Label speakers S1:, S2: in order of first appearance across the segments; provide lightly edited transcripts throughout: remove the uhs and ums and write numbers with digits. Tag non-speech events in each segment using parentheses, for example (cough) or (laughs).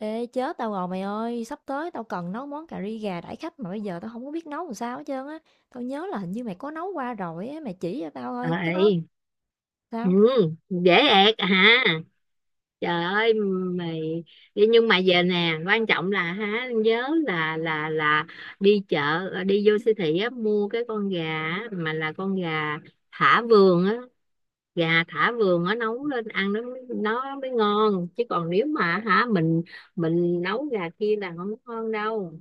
S1: Ê chết tao rồi mày ơi, sắp tới tao cần nấu món cà ri gà đãi khách mà bây giờ tao không có biết nấu làm sao hết trơn á. Tao nhớ là hình như mày có nấu qua rồi á, mày chỉ cho tao thôi, cái đó
S2: Rồi. Ừ,
S1: sao?
S2: dễ ẹc hả? Trời ơi mày đi nhưng mà về nè, quan trọng là hả nhớ là đi chợ, đi vô siêu thị á mua cái con gà á, mà là con gà thả vườn á, gà thả vườn á nấu lên ăn nó nó mới ngon, chứ còn nếu mà hả mình nấu gà kia là không ngon đâu.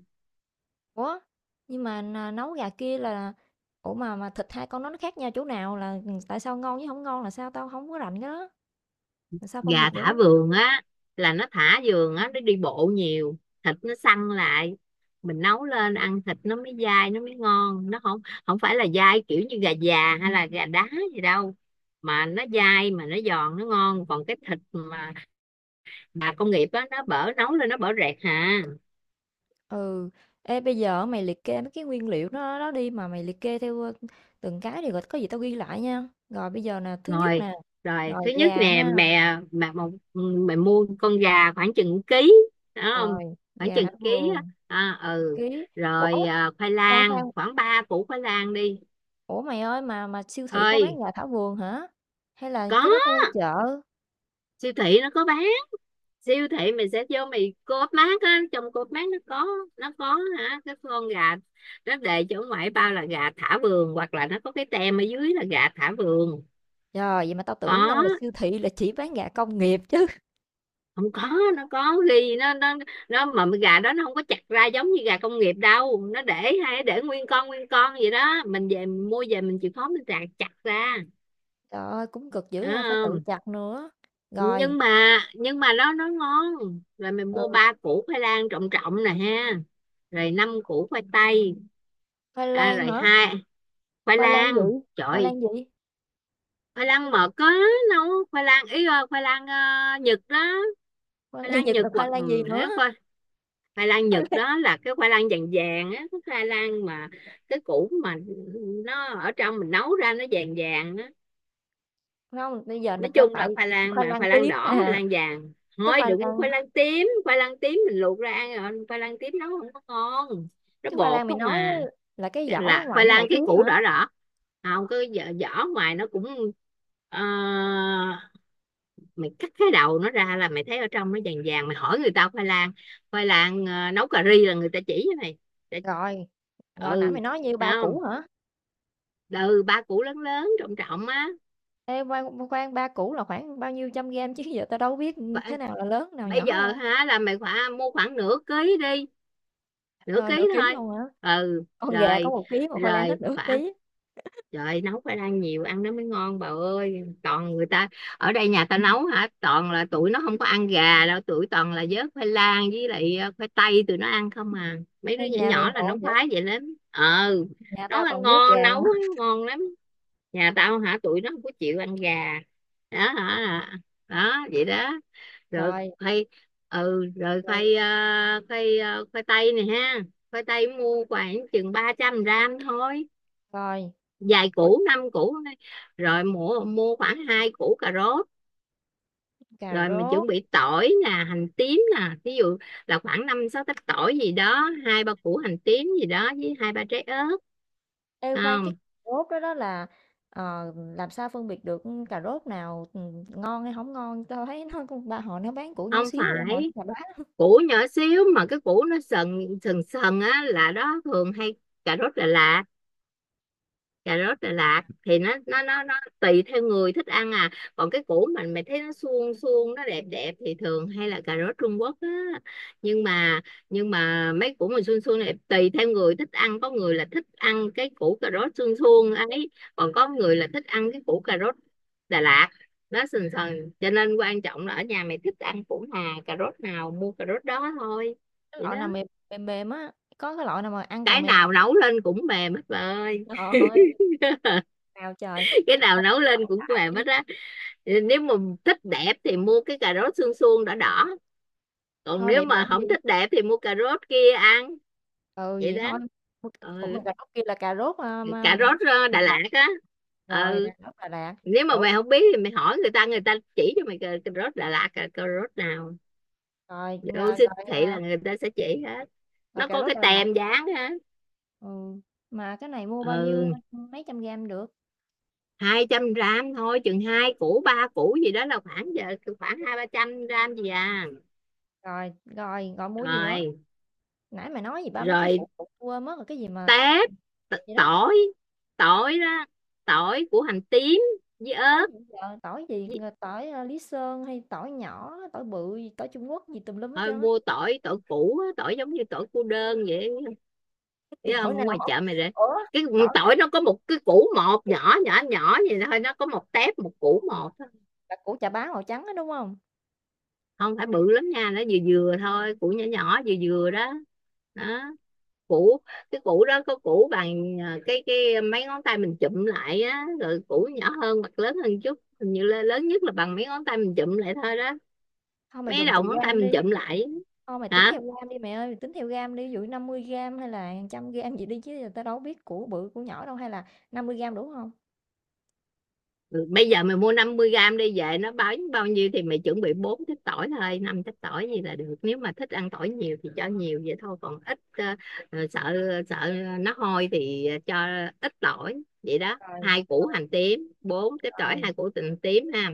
S1: Ủa? Nhưng mà nấu gà kia là. Ủa mà thịt hai con nó khác nhau chỗ nào là tại sao ngon với không ngon là sao tao không có rành cái đó. Làm sao phân
S2: Gà
S1: biệt được
S2: thả
S1: á?
S2: vườn á là nó thả vườn á, nó đi bộ nhiều, thịt nó săn lại, mình nấu lên ăn thịt nó mới dai, nó mới ngon, nó không không phải là dai kiểu như gà già hay là gà đá gì đâu, mà nó dai mà nó giòn, nó ngon. Còn cái thịt mà công nghiệp á nó bở, nấu lên nó bở rẹt hà.
S1: Ừ. Ê bây giờ mày liệt kê mấy cái nguyên liệu đó đó đi mà mày liệt kê theo từng cái thì có gì tao ghi lại nha. Rồi bây giờ nè, thứ nhất
S2: rồi
S1: nè,
S2: rồi
S1: rồi
S2: thứ nhất
S1: gà
S2: nè,
S1: ha.
S2: mẹ mẹ một, mẹ mua con gà khoảng chừng ký đó không?
S1: Rồi,
S2: Khoảng
S1: gà hả
S2: chừng ký á.
S1: vườn.
S2: Ừ
S1: Ký.
S2: rồi,
S1: Ủa,
S2: khoai
S1: khoan, khoan,
S2: lang khoảng 3 củ khoai lang đi.
S1: ủa, mày ơi mà siêu thị có bán
S2: Ơi
S1: gà thảo vườn hả? Hay là
S2: có,
S1: cái đó phải mua chợ?
S2: siêu thị nó có bán. Siêu thị mình sẽ vô mày, co-op mart á, trong co-op mart nó có, hả, cái con gà nó đề cho ở ngoài bao là gà thả vườn, hoặc là nó có cái tem ở dưới là gà thả vườn.
S1: Trời, vậy mà tao tưởng đâu là
S2: Có.
S1: siêu thị là chỉ bán gà công nghiệp chứ.
S2: Không, có nó có ghi. Nó mà gà đó nó không có chặt ra giống như gà công nghiệp đâu, nó để, hay để nguyên con vậy đó, mình về mình mua về mình chịu khó mình chặt chặt ra.
S1: Trời ơi, cũng cực
S2: Đó
S1: dữ ha, phải tự
S2: không?
S1: chặt nữa. Rồi,
S2: Nhưng mà, nó ngon. Rồi mình mua
S1: ừ,
S2: ba củ khoai lang trọng trọng nè ha, rồi năm củ khoai tây.
S1: khoai lang
S2: Rồi
S1: hả?
S2: hai, khoai
S1: Khoai lang gì?
S2: lang,
S1: Khoai lang
S2: trời.
S1: gì?
S2: Khoai lang mật có, nấu khoai lang ý, khoai lang, Nhật đó.
S1: Khoai
S2: Khoai
S1: lang
S2: lang
S1: Nhật
S2: Nhật,
S1: là khoai
S2: hoặc
S1: lang gì nữa?
S2: khoai, khoai lang
S1: Khoai
S2: Nhật
S1: lang...
S2: đó là cái khoai lang vàng vàng á, cái khoai lang mà cái củ mà nó ở trong mình nấu ra nó vàng vàng á.
S1: Không, bây giờ là
S2: Nói
S1: tao
S2: chung
S1: tại
S2: là khoai lang,
S1: khoai
S2: mà
S1: lang
S2: khoai lang
S1: tím
S2: đỏ, khoai
S1: à.
S2: lang vàng
S1: Cái
S2: thôi,
S1: khoai
S2: đừng mua
S1: lang,
S2: khoai lang tím, khoai lang tím mình luộc ra ăn rồi, khoai lang tím nấu không có ngon, nó
S1: cái khoai
S2: bột
S1: lang mày
S2: không
S1: nói á,
S2: mà.
S1: là cái vỏ ở
S2: Là
S1: ngoài
S2: khoai
S1: nó
S2: lang
S1: màu tím
S2: cái củ
S1: hả?
S2: đỏ đỏ. Không cái vỏ, vỏ ngoài nó cũng, ờ, mày cắt cái đầu nó ra là mày thấy ở trong nó vàng vàng, mày hỏi người ta khoai lang, khoai lang nấu cà ri là người ta chỉ với mày. Để-
S1: Rồi, rồi nãy mày
S2: ừ,
S1: nói như
S2: thấy
S1: ba củ
S2: không?
S1: hả?
S2: Ừ, ba củ lớn lớn trọng trọng á.
S1: Ê, khoan, khoan, ba củ là khoảng bao nhiêu trăm gam chứ giờ tao đâu biết,
S2: Khoảng-
S1: thế nào là lớn, nào
S2: bây
S1: nhỏ
S2: giờ
S1: đâu.
S2: hả là mày phải mua khoảng nửa ký đi, nửa
S1: Coi nửa
S2: ký
S1: ký
S2: thôi.
S1: luôn hả?
S2: ừ
S1: Con gà có
S2: rồi
S1: một ký mà khoai lang hết
S2: rồi
S1: nửa
S2: khoảng,
S1: ký.
S2: trời, nấu phải ăn nhiều, ăn nó mới ngon bà ơi. Toàn người ta ở đây nhà ta nấu hả, toàn là tụi nó không có ăn gà đâu, tụi toàn là vớt khoai lang với lại khoai tây, tụi nó ăn không à. Mấy đứa
S1: Ê,
S2: nhỏ
S1: nhà mày
S2: nhỏ là
S1: ngộ
S2: nó
S1: vậy?
S2: khoái vậy lắm, ờ.
S1: Nhà
S2: Nấu
S1: tao toàn
S2: ăn
S1: vớt
S2: ngon,
S1: gà
S2: nấu
S1: không à.
S2: á ngon lắm. Nhà tao hả tụi nó không có chịu ăn gà đó hả, đó vậy đó. Rồi
S1: Rồi,
S2: khoai, ừ rồi
S1: rồi,
S2: khoai ờ, khoai tây này ha. Khoai tây mua khoảng chừng 300 gram thôi,
S1: rồi,
S2: vài củ, năm củ thôi. Rồi mua mua khoảng hai củ cà rốt.
S1: cà
S2: Rồi mình
S1: rốt.
S2: chuẩn bị tỏi nè, hành tím nè, ví dụ là khoảng năm sáu tép tỏi gì đó, hai ba củ hành tím gì đó, với hai ba trái ớt.
S1: Ê, khoan, cái
S2: Không,
S1: cà rốt đó đó là, làm sao phân biệt được, cà rốt nào, ngon hay không ngon? Tao thấy nó con ba họ nó bán củ nhỏ
S2: không
S1: xíu, họ nó
S2: phải
S1: chà bá,
S2: củ nhỏ xíu, mà cái củ nó sần sần sần á là đó, thường hay cà rốt Đà Lạt. Cà rốt Đà Lạt thì nó tùy theo người thích ăn à. Còn cái củ mình mày thấy nó suông suông, nó đẹp đẹp thì thường hay là cà rốt Trung Quốc á. Nhưng mà, mấy củ mà suông suông này tùy theo người thích ăn, có người là thích ăn cái củ cà rốt suông suông ấy, còn có người là thích ăn cái củ cà rốt Đà Lạt nó sần sần, cho nên quan trọng là ở nhà mày thích ăn củ nào, cà rốt nào mua cà rốt đó thôi.
S1: cái
S2: Vậy
S1: loại
S2: đó.
S1: nào mềm mềm mềm á, có cái loại nào mà ăn càng
S2: Cái
S1: mềm càng
S2: nào
S1: tốt.
S2: nấu lên cũng mềm hết bà ơi.
S1: Trời ơi,
S2: (laughs)
S1: nào trời,
S2: Cái nào
S1: sao tao
S2: nấu lên
S1: chọn
S2: cũng
S1: đại.
S2: mềm hết á. Nếu mà thích đẹp thì mua cái cà rốt xương suông đỏ đỏ, còn
S1: Kho
S2: nếu
S1: đẹp
S2: mà
S1: làm
S2: không
S1: gì?
S2: thích đẹp thì mua cà rốt kia ăn.
S1: Ừ,
S2: Vậy
S1: vậy
S2: đó.
S1: thôi. Mua c ủa,
S2: Ừ.
S1: mà cà rốt kia là cà rốt, a, ma
S2: Cà
S1: mày
S2: rốt,
S1: nói Đà
S2: Đà
S1: Lạt.
S2: Lạt á.
S1: Rồi, Đà
S2: Ừ,
S1: Lạt, Đà Lạt.
S2: nếu mà
S1: Ủa,
S2: mày không biết thì mày hỏi người ta, người ta chỉ cho mày, cà rốt Đà Lạt, cà rốt nào
S1: rồi,
S2: vô
S1: à,
S2: siêu
S1: rồi,
S2: thị
S1: à,
S2: là người ta sẽ chỉ hết,
S1: rồi
S2: nó
S1: cà
S2: có
S1: rốt
S2: cái
S1: Đà Lạt,
S2: tem dán á.
S1: ừ, mà cái này mua bao nhiêu,
S2: Ừ,
S1: mấy trăm gam được?
S2: 200 gram thôi, chừng hai củ ba củ gì đó là khoảng giờ, khoảng hai ba trăm gram gì à.
S1: Rồi, rồi, rồi mua gì nữa?
S2: Rồi.
S1: Nãy mày nói gì ba mấy cái phụ
S2: Rồi
S1: phụ tui quên mất rồi, cái gì mà
S2: tép
S1: gì đó,
S2: tỏi, tỏi đó, tỏi của hành tím với
S1: tỏi
S2: ớt.
S1: gì giờ? Tỏi gì, tỏi, a, Lý Sơn hay tỏi nhỏ, tỏi bự gì, tỏi Trung Quốc gì tùm lum hết
S2: Thôi
S1: trơn á.
S2: mua tỏi, củ tỏi giống như tỏi cô đơn vậy, thấy
S1: (laughs) Tỏi
S2: không, ở
S1: nào
S2: ngoài
S1: hả?
S2: chợ mày rồi.
S1: Ủa,
S2: Cái
S1: tỏi này
S2: tỏi nó có một cái củ một nhỏ nhỏ nhỏ vậy thôi, nó có một tép một củ một thôi.
S1: là của chà bá màu trắng á, đúng không?
S2: Không phải bự lắm nha, nó vừa vừa thôi, củ nhỏ nhỏ vừa vừa đó, đó. Củ, cái củ đó có củ bằng, cái mấy ngón tay mình chụm lại á, rồi củ nhỏ hơn hoặc lớn hơn chút, hình như là lớn nhất là bằng mấy ngón tay mình chụm lại thôi đó.
S1: Hông, mày
S2: Mấy
S1: dùng từ
S2: đầu ngón tay
S1: gam
S2: mình
S1: đi.
S2: chụm lại.
S1: Thôi mày tính
S2: Hả.
S1: theo gam đi mẹ ơi, mày tính theo gam đi, ví dụ 50 gram hay là 100 gram gì đi chứ giờ tao đâu biết của bự của nhỏ đâu hay là 50 gram đủ không?
S2: Ừ, bây giờ mày mua 50 gram đi, về nó bao bao nhiêu thì mày chuẩn bị bốn trái tỏi thôi, năm trái tỏi gì là được, nếu mà thích ăn tỏi nhiều thì cho nhiều vậy thôi, còn ít, sợ, sợ nó hôi thì cho ít tỏi vậy đó,
S1: Rồi,
S2: hai củ
S1: rồi,
S2: hành tím bốn trái tỏi,
S1: rồi,
S2: hai củ hành tím ha.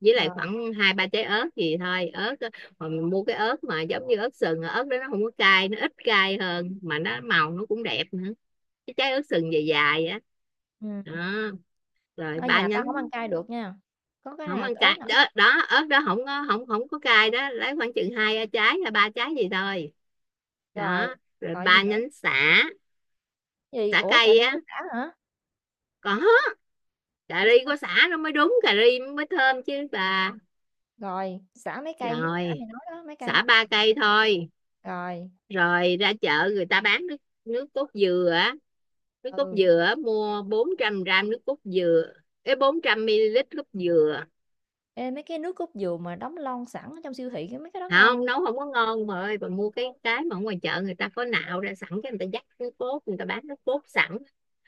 S2: Với lại
S1: rồi.
S2: khoảng hai ba trái ớt gì thôi, ớt mà mình mua cái ớt mà giống như ớt sừng, ớt đó nó không có cay, nó ít cay hơn mà nó màu nó cũng đẹp nữa, cái trái ớt sừng dài dài á. Đó.
S1: Ừ.
S2: Đó, rồi
S1: Ở
S2: ba
S1: nhà tao không
S2: nhánh.
S1: ăn cay được nha. Có cái
S2: Không
S1: nào
S2: ăn
S1: ớt
S2: cay
S1: nào ít
S2: đó, đó ớt đó không có, không không có cay đó, lấy khoảng chừng hai trái hay ba trái gì thôi.
S1: rồi.
S2: Đó, rồi
S1: Rồi gì
S2: ba
S1: nữa?
S2: nhánh sả,
S1: Gì?
S2: sả
S1: Ủa cà
S2: cây
S1: đừng
S2: á.
S1: có xả hả?
S2: Có, cà
S1: Ủa sao
S2: ri
S1: tao?
S2: có sả nó mới đúng cà ri, mới thơm chứ bà.
S1: Rồi, xả mấy cây, xả
S2: Rồi
S1: mày nói đó, mấy cây.
S2: sả ba cây thôi.
S1: Rồi.
S2: Rồi ra chợ người ta bán nước, nước cốt dừa á, nước cốt
S1: Ừ.
S2: dừa á, mua 400 gram nước cốt dừa, cái 400 ml nước cốt dừa.
S1: Ê, mấy cái nước cốt dừa mà đóng lon sẵn ở trong siêu thị cái mấy cái đó
S2: Không
S1: ngon.
S2: nấu không có ngon mà, ơi bà, mua cái, mà ở ngoài chợ người ta có nạo ra sẵn, cái người ta dắt cái cốt, người ta bán nước cốt sẵn,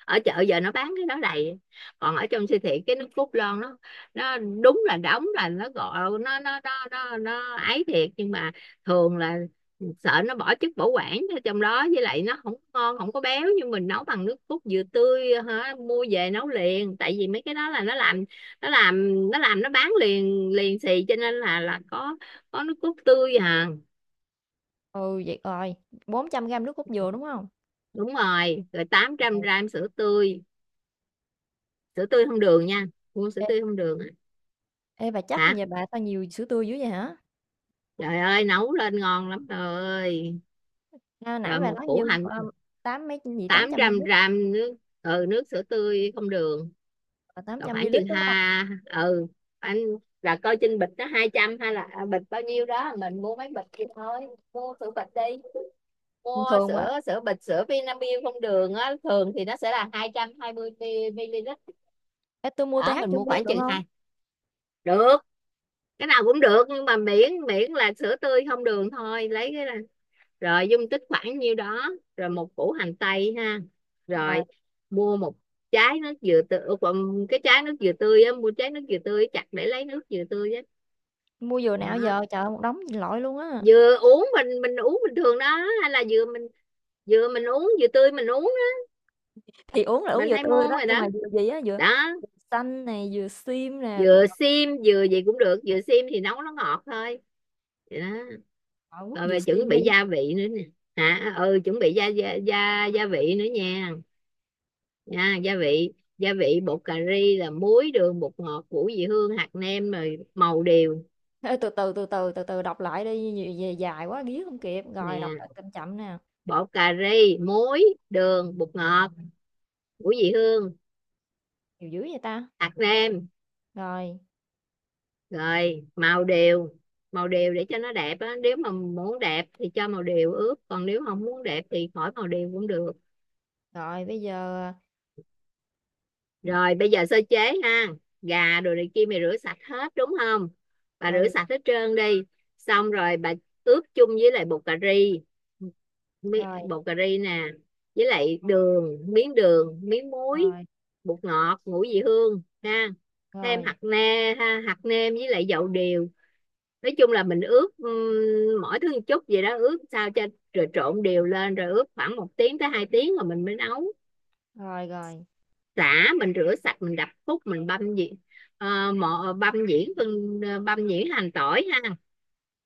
S2: ở chợ giờ nó bán cái đó đầy. Còn ở trong siêu thị cái nước cốt lon nó đúng là đóng, là nó gọi nó ấy thiệt, nhưng mà thường là sợ nó bỏ chất bảo quản ở trong đó, với lại nó không ngon, không có béo. Nhưng mình nấu bằng nước cốt dừa tươi hả, mua về nấu liền, tại vì mấy cái đó là nó làm, nó làm nó bán liền liền xì, cho nên là có, nước cốt tươi à.
S1: Ừ vậy rồi, 400 gram nước cốt dừa đúng không?
S2: Đúng rồi. Rồi tám
S1: Ừ.
S2: trăm gram sữa tươi, sữa tươi không đường nha, mua sữa
S1: Ê,
S2: tươi không đường.
S1: ê, bà chắc
S2: Hả,
S1: vậy bà tao nhiều sữa tươi dữ vậy hả?
S2: trời ơi nấu lên ngon lắm, trời ơi.
S1: A, nãy
S2: Rồi
S1: bà
S2: một
S1: nói
S2: củ
S1: nhiêu,
S2: hành.
S1: tám mấy gì, tám
S2: tám
S1: trăm
S2: trăm
S1: ml
S2: gram nước, ừ, nước sữa tươi không đường.
S1: ờ,
S2: Rồi khoảng
S1: 800 ml,
S2: chừng
S1: đúng không?
S2: ha, ừ, anh là coi trên bịch nó 200 hay là, bịch bao nhiêu đó mình mua mấy bịch thì thôi, mua sữa bịch đi,
S1: Bình
S2: mua
S1: thường mà
S2: sữa sữa bịch sữa Vinamilk không đường á, thường thì nó sẽ là 220 ml
S1: ê, tui mua
S2: đó,
S1: TH
S2: mình
S1: chưa
S2: mua
S1: miêu
S2: khoảng
S1: được
S2: chừng
S1: không?
S2: hai, được, cái nào cũng được, nhưng mà miễn miễn là sữa tươi không đường thôi, lấy cái là rồi, dung tích khoảng nhiêu đó. Rồi một củ hành tây ha.
S1: Rồi,
S2: Rồi mua một trái nước dừa tươi, cái trái nước dừa tươi á, mua trái nước dừa tươi chặt để lấy nước dừa tươi á.
S1: mua vừa nào
S2: Đó.
S1: giờ, trời ơi, một đống lội luôn á,
S2: Dừa uống mình uống bình thường đó, hay là dừa mình, dừa mình uống, dừa tươi mình uống đó.
S1: thì uống là uống
S2: Mình
S1: dừa
S2: hay
S1: tươi
S2: mua
S1: đó,
S2: rồi
S1: nhưng
S2: đó.
S1: mà dừa gì á, dừa
S2: Đó,
S1: dừa xanh nè, dừa sim nè, c
S2: dừa xiêm dừa gì cũng được, dừa xiêm thì nấu nó ngọt thôi. Vậy đó.
S1: ờ, quất
S2: Rồi
S1: dừa
S2: về chuẩn
S1: xiêm đi.
S2: bị gia vị nữa nè. Hả, ừ, chuẩn bị gia vị nữa nha nha. Gia vị, bột cà ri là muối, đường, bột ngọt, củ vị hương, hạt nêm, rồi màu điều.
S1: Ê, từ từ, từ từ, từ từ đọc lại đi, nhiều về dài quá ghía không kịp, rồi đọc
S2: Nè,
S1: lại chậm chậm nè,
S2: bột cà ri, muối, đường, bột
S1: ờ,
S2: ngọt, củ vị hương,
S1: nhiều dữ vậy ta?
S2: hạt nêm,
S1: Rồi,
S2: rồi màu điều. Màu điều để cho nó đẹp á, nếu mà muốn đẹp thì cho màu điều ướp, còn nếu không muốn đẹp thì khỏi màu điều cũng được.
S1: rồi bây giờ, ờ,
S2: Rồi bây giờ sơ chế ha, gà đồ này kia mày rửa sạch hết đúng không, bà rửa
S1: ừ,
S2: sạch hết trơn đi. Xong rồi bà ướp chung với lại bột cà ri,
S1: rồi, rồi,
S2: bột cà ri nè, với lại đường, miếng đường, miếng muối,
S1: rồi,
S2: bột ngọt, ngũ vị hương ha, thêm hạt nêm ha, hạt nêm với lại dầu điều. Nói chung là mình ướp, mỗi thứ một chút vậy đó, ướp sao cho rồi, trộn đều lên, rồi ướp khoảng một tiếng tới hai tiếng rồi mình mới nấu.
S1: rồi, rồi.
S2: Xả mình rửa sạch, mình đập khúc, mình băm nhuyễn, ờ, băm nhuyễn phân, băm nhuyễn hành tỏi ha.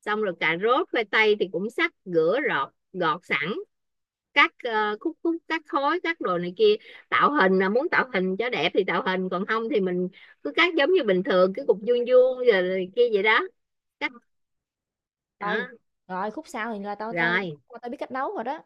S2: Xong rồi cà rốt khoai tây thì cũng sắc, rửa rọt, gọt sẵn, cắt, khúc khúc, cắt khối, cắt đồ này kia, tạo hình, là muốn tạo hình cho đẹp thì tạo hình, còn không thì mình cứ cắt giống như bình thường, cái cục vuông vuông rồi kia vậy đó, cắt. Đó.
S1: Rồi, rồi khúc sau thì là tao tao
S2: Rồi.
S1: khúc qua tao biết cách nấu rồi đó.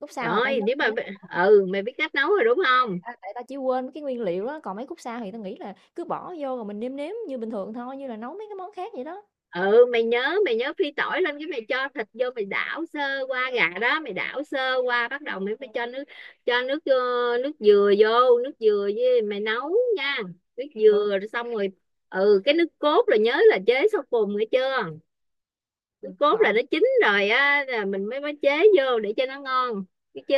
S1: Khúc sau là tao
S2: Rồi
S1: nhớ
S2: nếu
S1: tao
S2: mà,
S1: nhớ cách nấu rồi,
S2: ừ, mày biết cách nấu rồi đúng không.
S1: tại tao chỉ quên mấy cái nguyên liệu á, còn mấy khúc sau thì tao nghĩ là cứ bỏ vô rồi mình nêm nếm như bình thường thôi, như là nấu mấy cái món khác vậy đó.
S2: Ừ, mày nhớ, phi tỏi lên cái mày cho thịt vô, mày đảo sơ qua, gà đó mày đảo sơ qua, bắt đầu mày phải cho nước, cho nước ờ, nước dừa vô, nước dừa với mày nấu nha, nước
S1: Ừ,
S2: dừa, rồi xong rồi. Ừ, cái nước cốt là nhớ là chế sau cùng nghe chưa, nước
S1: ừ,
S2: cốt là
S1: rồi,
S2: nó chín rồi á là mình mới mới chế vô để cho nó ngon, biết chưa.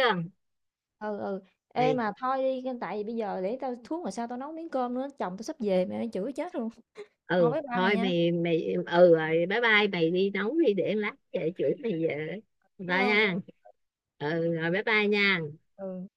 S1: ừ. Ê
S2: Mày,
S1: mà thôi đi, tại vì bây giờ để tao xuống rồi sao tao nấu miếng cơm nữa, chồng tao sắp về mẹ chửi chết luôn. Thôi
S2: ừ
S1: bye bye mày
S2: thôi
S1: nha.
S2: mày, ừ rồi bye bye, mày đi nấu đi, để lát về chửi mày về.
S1: Cảm
S2: Bye
S1: ơn mày
S2: nha.
S1: nha.
S2: Ừ rồi, bye bye nha.
S1: Ừ.